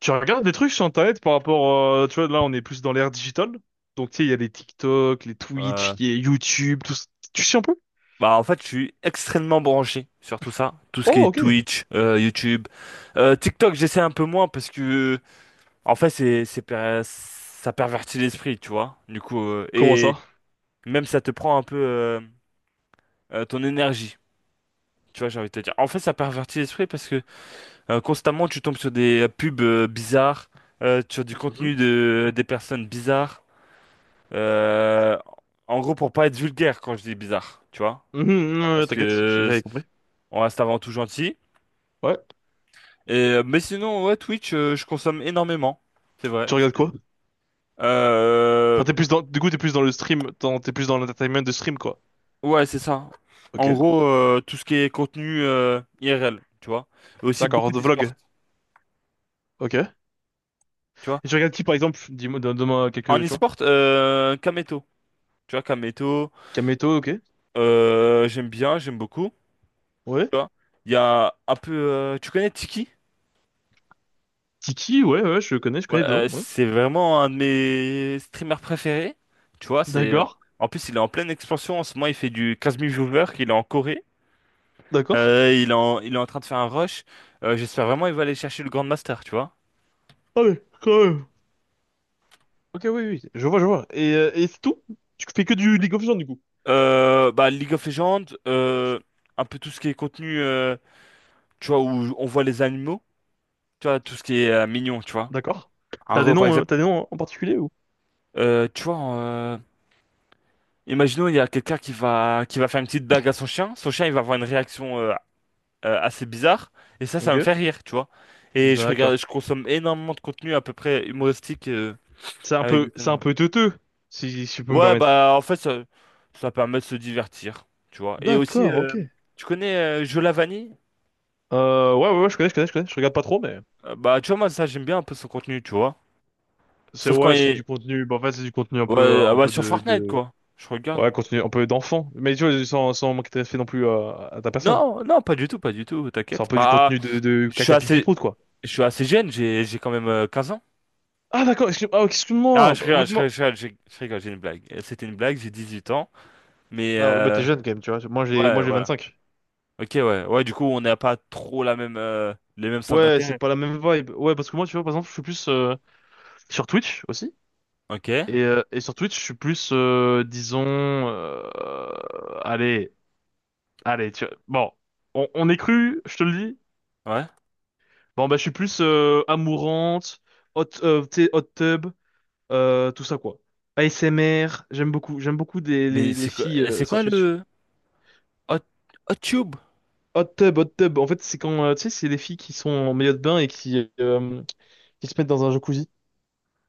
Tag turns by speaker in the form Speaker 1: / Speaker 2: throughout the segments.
Speaker 1: Tu regardes des trucs sur Internet par rapport, tu vois, là on est plus dans l'ère digitale. Donc tu sais, il y a les TikTok, les
Speaker 2: Euh,
Speaker 1: Twitch, il y a YouTube, tout ça. Tu sais un peu?
Speaker 2: Bah en fait, je suis extrêmement branché sur tout ça, tout ce qui
Speaker 1: Oh,
Speaker 2: est
Speaker 1: ok.
Speaker 2: Twitch, YouTube, TikTok. J'essaie un peu moins parce que en fait, ça pervertit l'esprit, tu vois. Du coup,
Speaker 1: Comment
Speaker 2: et
Speaker 1: ça?
Speaker 2: même ça te prend un peu ton énergie, tu vois. J'ai envie de te dire. En fait, ça pervertit l'esprit parce que constamment tu tombes sur des pubs bizarres, sur du
Speaker 1: Mhm.
Speaker 2: contenu de des personnes bizarres. Euh, En gros, pour pas être vulgaire quand je dis bizarre, tu vois,
Speaker 1: Mhm, ouais,
Speaker 2: parce
Speaker 1: t'inquiète,
Speaker 2: que
Speaker 1: j'avais compris.
Speaker 2: on reste avant tout gentil.
Speaker 1: Ouais.
Speaker 2: Et, mais sinon, ouais, Twitch, je consomme énormément. C'est vrai.
Speaker 1: Tu regardes quoi?
Speaker 2: Euh,
Speaker 1: Enfin, t'es plus dans le stream, t'es plus dans l'entertainment de stream, quoi.
Speaker 2: ouais, c'est ça.
Speaker 1: Ok.
Speaker 2: En gros, tout ce qui est contenu IRL, tu vois. Et aussi beaucoup
Speaker 1: D'accord, de
Speaker 2: d'e-sport,
Speaker 1: vlog. Ok. Et
Speaker 2: tu vois.
Speaker 1: tu regardes qui, par exemple? Dis-moi, donne-moi
Speaker 2: En
Speaker 1: quelques, tu vois.
Speaker 2: e-sport, Kameto. Tu vois, Kameto,
Speaker 1: Kameto, ok.
Speaker 2: j'aime bien, j'aime beaucoup.
Speaker 1: Ouais.
Speaker 2: Tu vois. Il y a un peu... tu connais Tiki?
Speaker 1: Tiki, ouais, ouais, je
Speaker 2: Ouais,
Speaker 1: connais de nom, ouais.
Speaker 2: c'est vraiment un de mes streamers préférés. Tu vois.
Speaker 1: D'accord.
Speaker 2: En plus, il est en pleine expansion. En ce moment, il fait du 15 000 viewers. Il est en Corée.
Speaker 1: D'accord.
Speaker 2: Il est en train de faire un rush. J'espère vraiment qu'il va aller chercher le Grand Master, tu vois.
Speaker 1: Ah ouais, quand même. Ok, oui, oui, je vois, je vois. Et, c'est tout? Tu fais que du League of Legends, du coup.
Speaker 2: Bah, League of Legends, un peu tout ce qui est contenu, tu vois, où on voit les animaux, tu vois, tout ce qui est mignon, tu vois.
Speaker 1: D'accord.
Speaker 2: Par exemple,
Speaker 1: T'as des noms en particulier ou?
Speaker 2: tu vois, imaginons, il y a quelqu'un qui va faire une petite blague à son chien. Son chien, il va avoir une réaction assez bizarre. Et ça
Speaker 1: Ok.
Speaker 2: me fait rire, tu vois. Et
Speaker 1: D'accord.
Speaker 2: je consomme énormément de contenu à peu près humoristique
Speaker 1: C'est un
Speaker 2: avec
Speaker 1: peu,
Speaker 2: des
Speaker 1: c'est un
Speaker 2: animaux.
Speaker 1: peu teuteux, si je peux me
Speaker 2: Ouais,
Speaker 1: permettre.
Speaker 2: bah en fait, ça permet de se divertir, tu vois. Et aussi,
Speaker 1: D'accord, ok.
Speaker 2: tu connais Joe Lavani?
Speaker 1: Ouais, ouais, ouais, je connais, je connais, je connais. Je regarde pas trop, mais
Speaker 2: Bah, tu vois, moi, ça, j'aime bien un peu son contenu, tu vois.
Speaker 1: c'est
Speaker 2: Sauf quand
Speaker 1: ouais,
Speaker 2: il
Speaker 1: c'est du
Speaker 2: est...
Speaker 1: contenu. Bah, en fait, c'est du contenu un peu,
Speaker 2: Ouais, ah bah, sur Fortnite, quoi. Je regarde.
Speaker 1: ouais, contenu un peu d'enfant. Mais tu vois, sans manquer de respect non plus à, ta personne.
Speaker 2: Non, non, pas du tout, pas du tout,
Speaker 1: C'est un
Speaker 2: t'inquiète.
Speaker 1: peu du
Speaker 2: Bah,
Speaker 1: contenu de
Speaker 2: je suis
Speaker 1: caca pipi
Speaker 2: assez...
Speaker 1: prout, quoi.
Speaker 2: Je suis assez jeune, j'ai quand même 15 ans.
Speaker 1: Ah, d'accord. Excuse, ah, ok,
Speaker 2: Ah,
Speaker 1: excuse-moi.
Speaker 2: je
Speaker 1: Bah, en
Speaker 2: rigole,
Speaker 1: fait,
Speaker 2: je
Speaker 1: moi,
Speaker 2: rigole, je rigole, je rigole, j'ai une blague. C'était une blague, j'ai 18 ans. Mais
Speaker 1: ah, bah, t'es jeune quand même, tu vois. Moi, j'ai, moi,
Speaker 2: ouais,
Speaker 1: j'ai vingt
Speaker 2: voilà.
Speaker 1: cinq
Speaker 2: Ok, ouais. Ouais, du coup, on n'a pas trop la même, les mêmes centres
Speaker 1: Ouais, c'est
Speaker 2: d'intérêt.
Speaker 1: pas la même vibe. Ouais, parce que moi, tu vois, par exemple, je suis plus sur Twitch aussi.
Speaker 2: Ok,
Speaker 1: Et sur Twitch, je suis plus, disons, euh, allez, allez, tu bon, on est cru, je te le dis.
Speaker 2: ouais.
Speaker 1: Bon, bah, je suis plus amourante, hot, tu sais, hot tub, tout ça, quoi. ASMR, j'aime beaucoup des,
Speaker 2: Mais
Speaker 1: les, les filles
Speaker 2: c'est
Speaker 1: sur
Speaker 2: quoi
Speaker 1: Twitch.
Speaker 2: le Hot, Hot Tube?
Speaker 1: Hot tub, en fait, c'est quand, tu sais, c'est les filles qui sont en maillot de bain et qui se mettent dans un jacuzzi.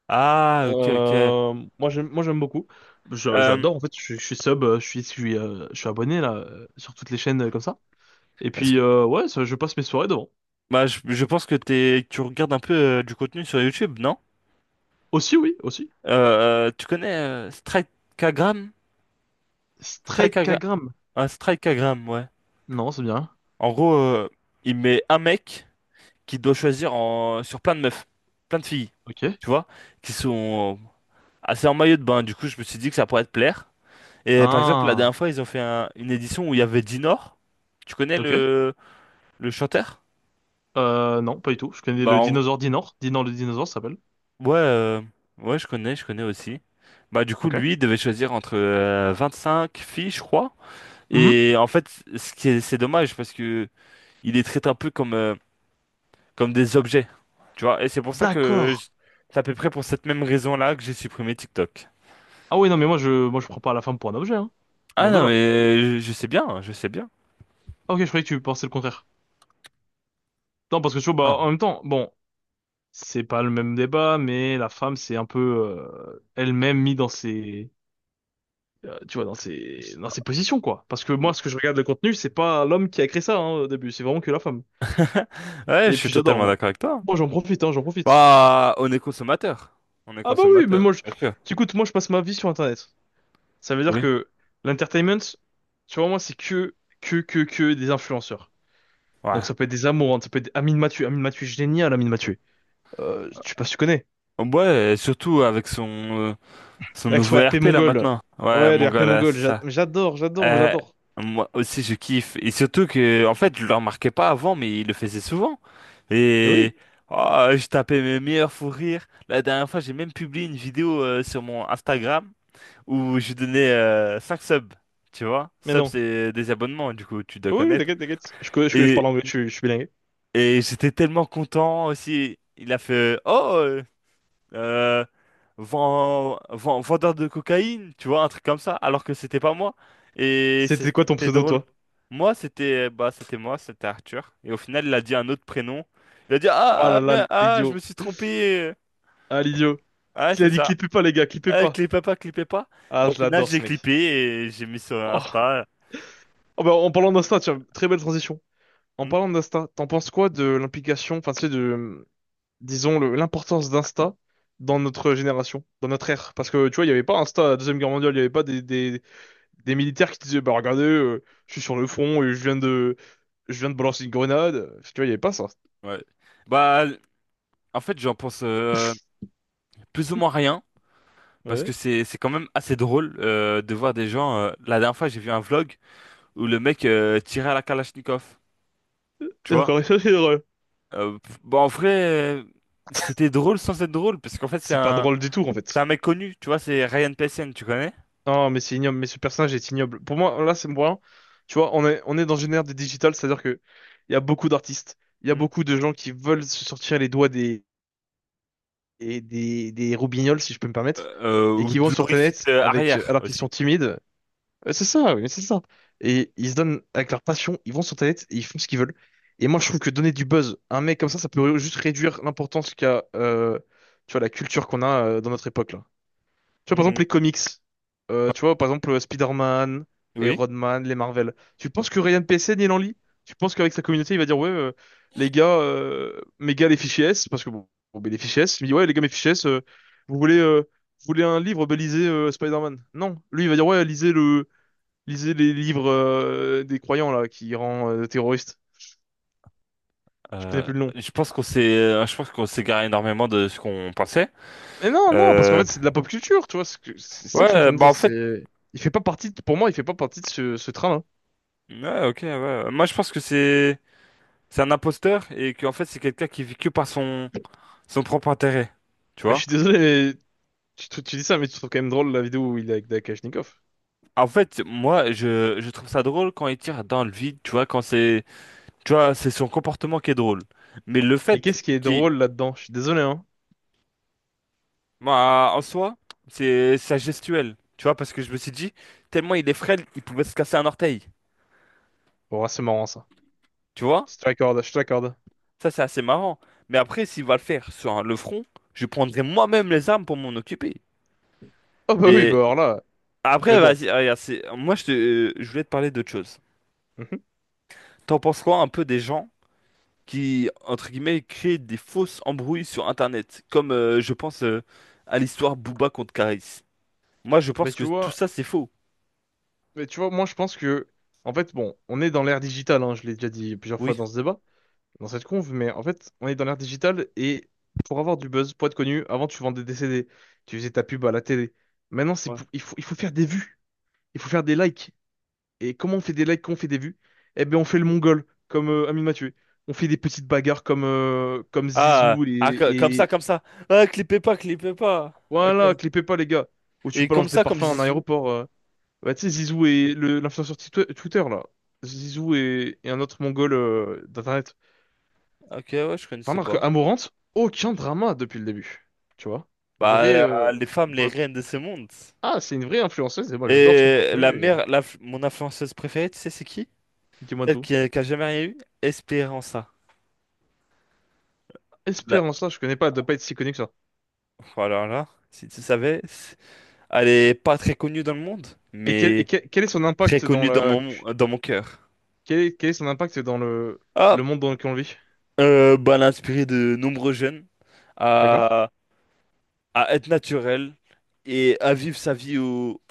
Speaker 2: Ah, ok, ok.
Speaker 1: Euh, moi j'aime beaucoup.
Speaker 2: Euh,
Speaker 1: J'adore en fait. Je suis abonné là sur toutes les chaînes comme ça. Et
Speaker 2: est-ce
Speaker 1: puis
Speaker 2: que,
Speaker 1: ouais, ça, je passe mes soirées devant.
Speaker 2: Bah, je pense tu regardes un peu du contenu sur YouTube, non?
Speaker 1: Aussi oui, aussi.
Speaker 2: Tu connais Strikeagram?
Speaker 1: Straight
Speaker 2: Strikeagra-
Speaker 1: Kagram.
Speaker 2: un Strikeagram, ouais.
Speaker 1: Non, c'est bien.
Speaker 2: En gros, il met un mec qui doit choisir sur plein de meufs, plein de filles,
Speaker 1: Ok.
Speaker 2: tu vois, qui sont assez en maillot de bain. Du coup, je me suis dit que ça pourrait te plaire. Et par exemple, la
Speaker 1: Ah.
Speaker 2: dernière fois, ils ont fait une édition où il y avait Dinor. Tu connais
Speaker 1: Ok.
Speaker 2: le chanteur?
Speaker 1: Non, pas du tout. Je connais
Speaker 2: Bah,
Speaker 1: le dinosaure Dinor. Dinor le dinosaure ça s'appelle.
Speaker 2: ouais, ouais, je connais aussi. Bah, du coup,
Speaker 1: Ok.
Speaker 2: lui, il devait choisir entre cinq filles, je crois.
Speaker 1: Mhm.
Speaker 2: Et en fait, c'est dommage parce que il les traite un peu comme des objets. Tu vois, et c'est pour ça que
Speaker 1: D'accord.
Speaker 2: je- c'est à peu près pour cette même raison-là que j'ai supprimé TikTok.
Speaker 1: Ah oui, non, mais moi je prends pas la femme pour un objet, hein.
Speaker 2: Ah
Speaker 1: Loin de
Speaker 2: non,
Speaker 1: là.
Speaker 2: mais je sais bien, je sais bien.
Speaker 1: Ah, ok, je croyais que tu pensais le contraire. Non, parce que tu vois, bah
Speaker 2: Non.
Speaker 1: en même temps, bon, c'est pas le même débat, mais la femme c'est un peu elle-même mise dans ses, tu vois, dans ses positions, quoi. Parce que moi, ce que je regarde de contenu, c'est pas l'homme qui a créé ça, hein, au début, c'est vraiment que la femme.
Speaker 2: Ouais, je
Speaker 1: Et
Speaker 2: suis
Speaker 1: puis j'adore,
Speaker 2: totalement
Speaker 1: moi.
Speaker 2: d'accord avec toi.
Speaker 1: Moi, j'en profite, hein, j'en profite.
Speaker 2: Bah, on est consommateur. On est
Speaker 1: Ah, bah oui, mais
Speaker 2: consommateur,
Speaker 1: moi, je...
Speaker 2: bien sûr.
Speaker 1: écoute, moi je passe ma vie sur Internet. Ça veut dire
Speaker 2: Oui.
Speaker 1: que l'entertainment, tu vois, moi c'est que des influenceurs.
Speaker 2: Ouais.
Speaker 1: Donc ça peut être des amoureux, ça peut être Amine Mathieu, Amine Mathieu génial, Amine Mathieu. Je sais pas si tu connais.
Speaker 2: Ouais, surtout avec son
Speaker 1: Avec Action
Speaker 2: nouveau
Speaker 1: RP
Speaker 2: RP là
Speaker 1: mongol.
Speaker 2: maintenant. Ouais,
Speaker 1: Ouais,
Speaker 2: mon
Speaker 1: le
Speaker 2: gars
Speaker 1: RP
Speaker 2: là,
Speaker 1: mongol,
Speaker 2: c'est ça.
Speaker 1: j'adore, j'adore, moi
Speaker 2: Euh,
Speaker 1: j'adore.
Speaker 2: Moi aussi je kiffe. Et surtout que, en fait, je le remarquais pas avant, mais il le faisait souvent.
Speaker 1: Et oui,
Speaker 2: Et oh, je tapais mes meilleurs fous rires. La dernière fois, j'ai même publié une vidéo sur mon Instagram où je donnais 5 subs. Tu vois?
Speaker 1: mais
Speaker 2: Subs,
Speaker 1: non.
Speaker 2: c'est des abonnements, du coup, tu dois
Speaker 1: Oui, oui,
Speaker 2: connaître.
Speaker 1: t'inquiète, t'inquiète. Je
Speaker 2: Et,
Speaker 1: parle anglais, je suis bilingue.
Speaker 2: et j'étais tellement content aussi. Il a fait Oh! Euh, vendeur de cocaïne, tu vois, un truc comme ça, alors que c'était pas moi. Et
Speaker 1: C'était quoi ton
Speaker 2: c'était
Speaker 1: pseudo,
Speaker 2: drôle.
Speaker 1: toi?
Speaker 2: Moi, c'était moi, c'était Arthur. Et au final, il a dit un autre prénom. Il a dit,
Speaker 1: Oh
Speaker 2: ah, ah,
Speaker 1: là
Speaker 2: mais,
Speaker 1: là,
Speaker 2: ah, je me
Speaker 1: l'idiot.
Speaker 2: suis trompé.
Speaker 1: Ah, l'idiot.
Speaker 2: Ah,
Speaker 1: Qui a
Speaker 2: c'est
Speaker 1: dit
Speaker 2: ça.
Speaker 1: clippez pas, les gars, clippez
Speaker 2: Ah,
Speaker 1: pas.
Speaker 2: clipez pas, clipez pas. Bah,
Speaker 1: Ah,
Speaker 2: au
Speaker 1: je
Speaker 2: final,
Speaker 1: l'adore,
Speaker 2: j'ai
Speaker 1: ce mec.
Speaker 2: clippé et j'ai mis sur
Speaker 1: Oh.
Speaker 2: Insta.
Speaker 1: Oh, bah, en parlant d'Insta, tiens, très belle transition. En
Speaker 2: Hmm.
Speaker 1: parlant d'Insta, t'en penses quoi de l'implication, enfin, tu sais, de, disons, l'importance d'Insta dans notre génération, dans notre ère? Parce que, tu vois, il n'y avait pas Insta à la Deuxième Guerre mondiale, il n'y avait pas des, des, des, militaires qui disaient, bah regardez, je suis sur le front et je viens de balancer une grenade. Tu vois, il n'y avait pas ça.
Speaker 2: Ouais. Bah, en fait, j'en pense plus ou moins rien, parce
Speaker 1: Ouais.
Speaker 2: que c'est quand même assez drôle de voir des gens. La dernière fois, j'ai vu un vlog. Où le mec tirait à la Kalachnikov, tu
Speaker 1: Et
Speaker 2: vois.
Speaker 1: encore c'est drôle.
Speaker 2: Pff, bah, en vrai, euh, c'était drôle sans être drôle, parce qu'en fait,
Speaker 1: C'est pas drôle du tout, en
Speaker 2: c'est un
Speaker 1: fait.
Speaker 2: mec connu, tu vois, c'est Ryan Pessen, tu connais?
Speaker 1: Non, mais c'est ignoble. Mais ce personnage est ignoble. Pour moi, là, c'est moi. Tu vois, on est dans une ère des digital, c'est-à-dire que il y a beaucoup d'artistes, il y a
Speaker 2: Hmm.
Speaker 1: beaucoup de gens qui veulent se sortir les doigts des, et des roubignoles, si je peux me permettre, et
Speaker 2: Ou
Speaker 1: qui vont
Speaker 2: de
Speaker 1: sur
Speaker 2: l'orifice
Speaker 1: Internet avec,
Speaker 2: arrière
Speaker 1: alors qu'ils
Speaker 2: aussi.
Speaker 1: sont timides. Ouais, c'est ça, oui, c'est ça. Et ils se donnent avec leur passion, ils vont sur Internet et ils font ce qu'ils veulent. Et moi, je trouve que donner du buzz à un mec comme ça peut juste réduire l'importance qu'a, tu vois, la culture qu'on a dans notre époque, là. Tu vois, par
Speaker 2: Hmm.
Speaker 1: exemple, les comics. Tu vois, par exemple, Spider-Man,
Speaker 2: Oui.
Speaker 1: Iron Man, les Marvel. Tu penses que Ryan PSN, il en lit? Tu penses qu'avec sa communauté, il va dire, ouais, les gars, mes gars, les fichiers S, parce que bon, ben, les fichiers S, il me dit, ouais, les gars, mes fichiers S, vous voulez, euh, vous voulez un livre, ben, lisez Spider-Man. Non, lui, il va dire, ouais, lisez le. Lisez les livres des croyants là qui rend terroriste. Je connais
Speaker 2: Euh,
Speaker 1: plus le nom.
Speaker 2: je pense qu'on s'égare énormément de ce qu'on pensait.
Speaker 1: Mais non, non, parce qu'en
Speaker 2: Euh,
Speaker 1: fait c'est de la pop culture, tu vois. C'est ça que
Speaker 2: ouais,
Speaker 1: je suis en train de
Speaker 2: bah
Speaker 1: dire.
Speaker 2: en fait,
Speaker 1: C'est, il fait pas partie. Pour moi, il fait pas partie de ce train-là.
Speaker 2: ouais, ok, ouais. Ouais. Moi, je pense c'est un imposteur et qu'en fait, c'est quelqu'un qui vit que par son propre intérêt, tu
Speaker 1: Mais je
Speaker 2: vois.
Speaker 1: suis désolé, mais tu dis ça, mais tu trouves quand même drôle la vidéo où il est avec Dakashnikov.
Speaker 2: En fait, moi, je trouve ça drôle quand il tire dans le vide, tu vois, tu vois, c'est son comportement qui est drôle. Mais le
Speaker 1: Mais
Speaker 2: fait
Speaker 1: qu'est-ce qui est
Speaker 2: qu'il,
Speaker 1: drôle là-dedans? Je suis désolé, hein.
Speaker 2: Moi, en soi, c'est sa gestuelle, tu vois, parce que je me suis dit, tellement il est frêle, il pouvait se casser un orteil,
Speaker 1: Bon, ah, c'est marrant ça.
Speaker 2: tu vois?
Speaker 1: Je te l'accorde, je te l'accorde.
Speaker 2: Ça, c'est assez marrant. Mais après, s'il va le faire sur le front, je prendrai moi-même les armes pour m'en occuper.
Speaker 1: Oh bah oui, bah
Speaker 2: Mais
Speaker 1: alors là.
Speaker 2: après,
Speaker 1: Mais bon.
Speaker 2: vas-y, regarde, moi, je voulais te parler d'autre chose.
Speaker 1: Mhm.
Speaker 2: T'en penses quoi un peu des gens qui, entre guillemets, crée des fausses embrouilles sur Internet? Comme je pense à l'histoire Booba contre Karis. Moi, je
Speaker 1: Mais
Speaker 2: pense que
Speaker 1: tu
Speaker 2: tout
Speaker 1: vois,
Speaker 2: ça, c'est faux.
Speaker 1: mais tu vois, moi je pense que, en fait, bon, on est dans l'ère digitale. Hein, je l'ai déjà dit plusieurs fois
Speaker 2: Oui.
Speaker 1: dans ce débat, dans cette conve, mais en fait, on est dans l'ère digitale et pour avoir du buzz, pour être connu, avant tu vendais des CD, tu faisais ta pub à la télé. Maintenant, c'est
Speaker 2: Ouais.
Speaker 1: pour- il faut faire des vues, il faut faire des likes. Et comment on fait des likes, comment on fait des vues? Eh bien, on fait le mongol, comme Amine Mathieu. On fait des petites bagarres comme
Speaker 2: Ah,
Speaker 1: Zizou et,
Speaker 2: ah, comme ça,
Speaker 1: et...
Speaker 2: comme ça. Ah, clipez pas, clippez pas. Ok.
Speaker 1: Voilà, clipez pas les gars, où tu
Speaker 2: Et comme
Speaker 1: balances des
Speaker 2: ça, comme
Speaker 1: parfums à un
Speaker 2: Zizou.
Speaker 1: aéroport. Bah, tu sais, Zizou et l'influenceur Twitter, là. Zizou et un autre mongol d'Internet.
Speaker 2: Ok, ouais, je
Speaker 1: Enfin,
Speaker 2: connaissais
Speaker 1: alors que
Speaker 2: pas.
Speaker 1: Amarante, aucun drama depuis le début. Tu vois?
Speaker 2: Bah,
Speaker 1: Vrai,
Speaker 2: les femmes,
Speaker 1: pour
Speaker 2: les
Speaker 1: le coup.
Speaker 2: reines de ce monde.
Speaker 1: Ah, c'est une vraie influenceuse et moi j'adore son contenu et
Speaker 2: Mon influenceuse préférée, tu sais, c'est qui?
Speaker 1: dis-moi tout.
Speaker 2: A qui a jamais rien eu? Espéranza. Là.
Speaker 1: Espérance là, je connais pas, elle doit pas être si connue que ça.
Speaker 2: Voilà, là. Si tu savais. Elle est pas très connue dans le monde,
Speaker 1: Et quel, et
Speaker 2: mais
Speaker 1: quel, quel est son
Speaker 2: très
Speaker 1: impact dans
Speaker 2: connue
Speaker 1: la,
Speaker 2: dans mon cœur.
Speaker 1: quel est son impact dans le,
Speaker 2: Ah,
Speaker 1: le monde dans lequel on vit?
Speaker 2: bah, elle a inspiré de nombreux jeunes
Speaker 1: D'accord?
Speaker 2: à, à être naturel et à vivre sa vie au,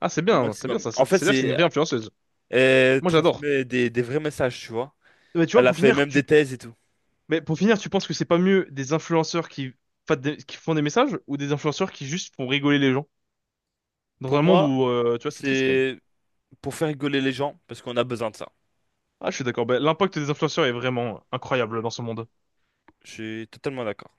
Speaker 1: Ah,
Speaker 2: au
Speaker 1: c'est bien
Speaker 2: maximum.
Speaker 1: ça.
Speaker 2: En fait,
Speaker 1: C'est-à-dire que c'est une vraie influenceuse.
Speaker 2: elle
Speaker 1: Moi j'adore.
Speaker 2: transmet des vrais messages, tu vois.
Speaker 1: Mais tu vois,
Speaker 2: Elle a
Speaker 1: pour
Speaker 2: fait
Speaker 1: finir,
Speaker 2: même des thèses et tout.
Speaker 1: tu penses que c'est pas mieux des influenceurs qui, qui font des messages ou des influenceurs qui juste font rigoler les gens? Dans
Speaker 2: Pour
Speaker 1: un monde
Speaker 2: moi,
Speaker 1: où, tu vois, c'est triste quand même.
Speaker 2: c'est pour faire rigoler les gens, parce qu'on a besoin de ça.
Speaker 1: Ah, je suis d'accord. Ben, l'impact des influenceurs est vraiment incroyable dans ce monde.
Speaker 2: Je suis totalement d'accord.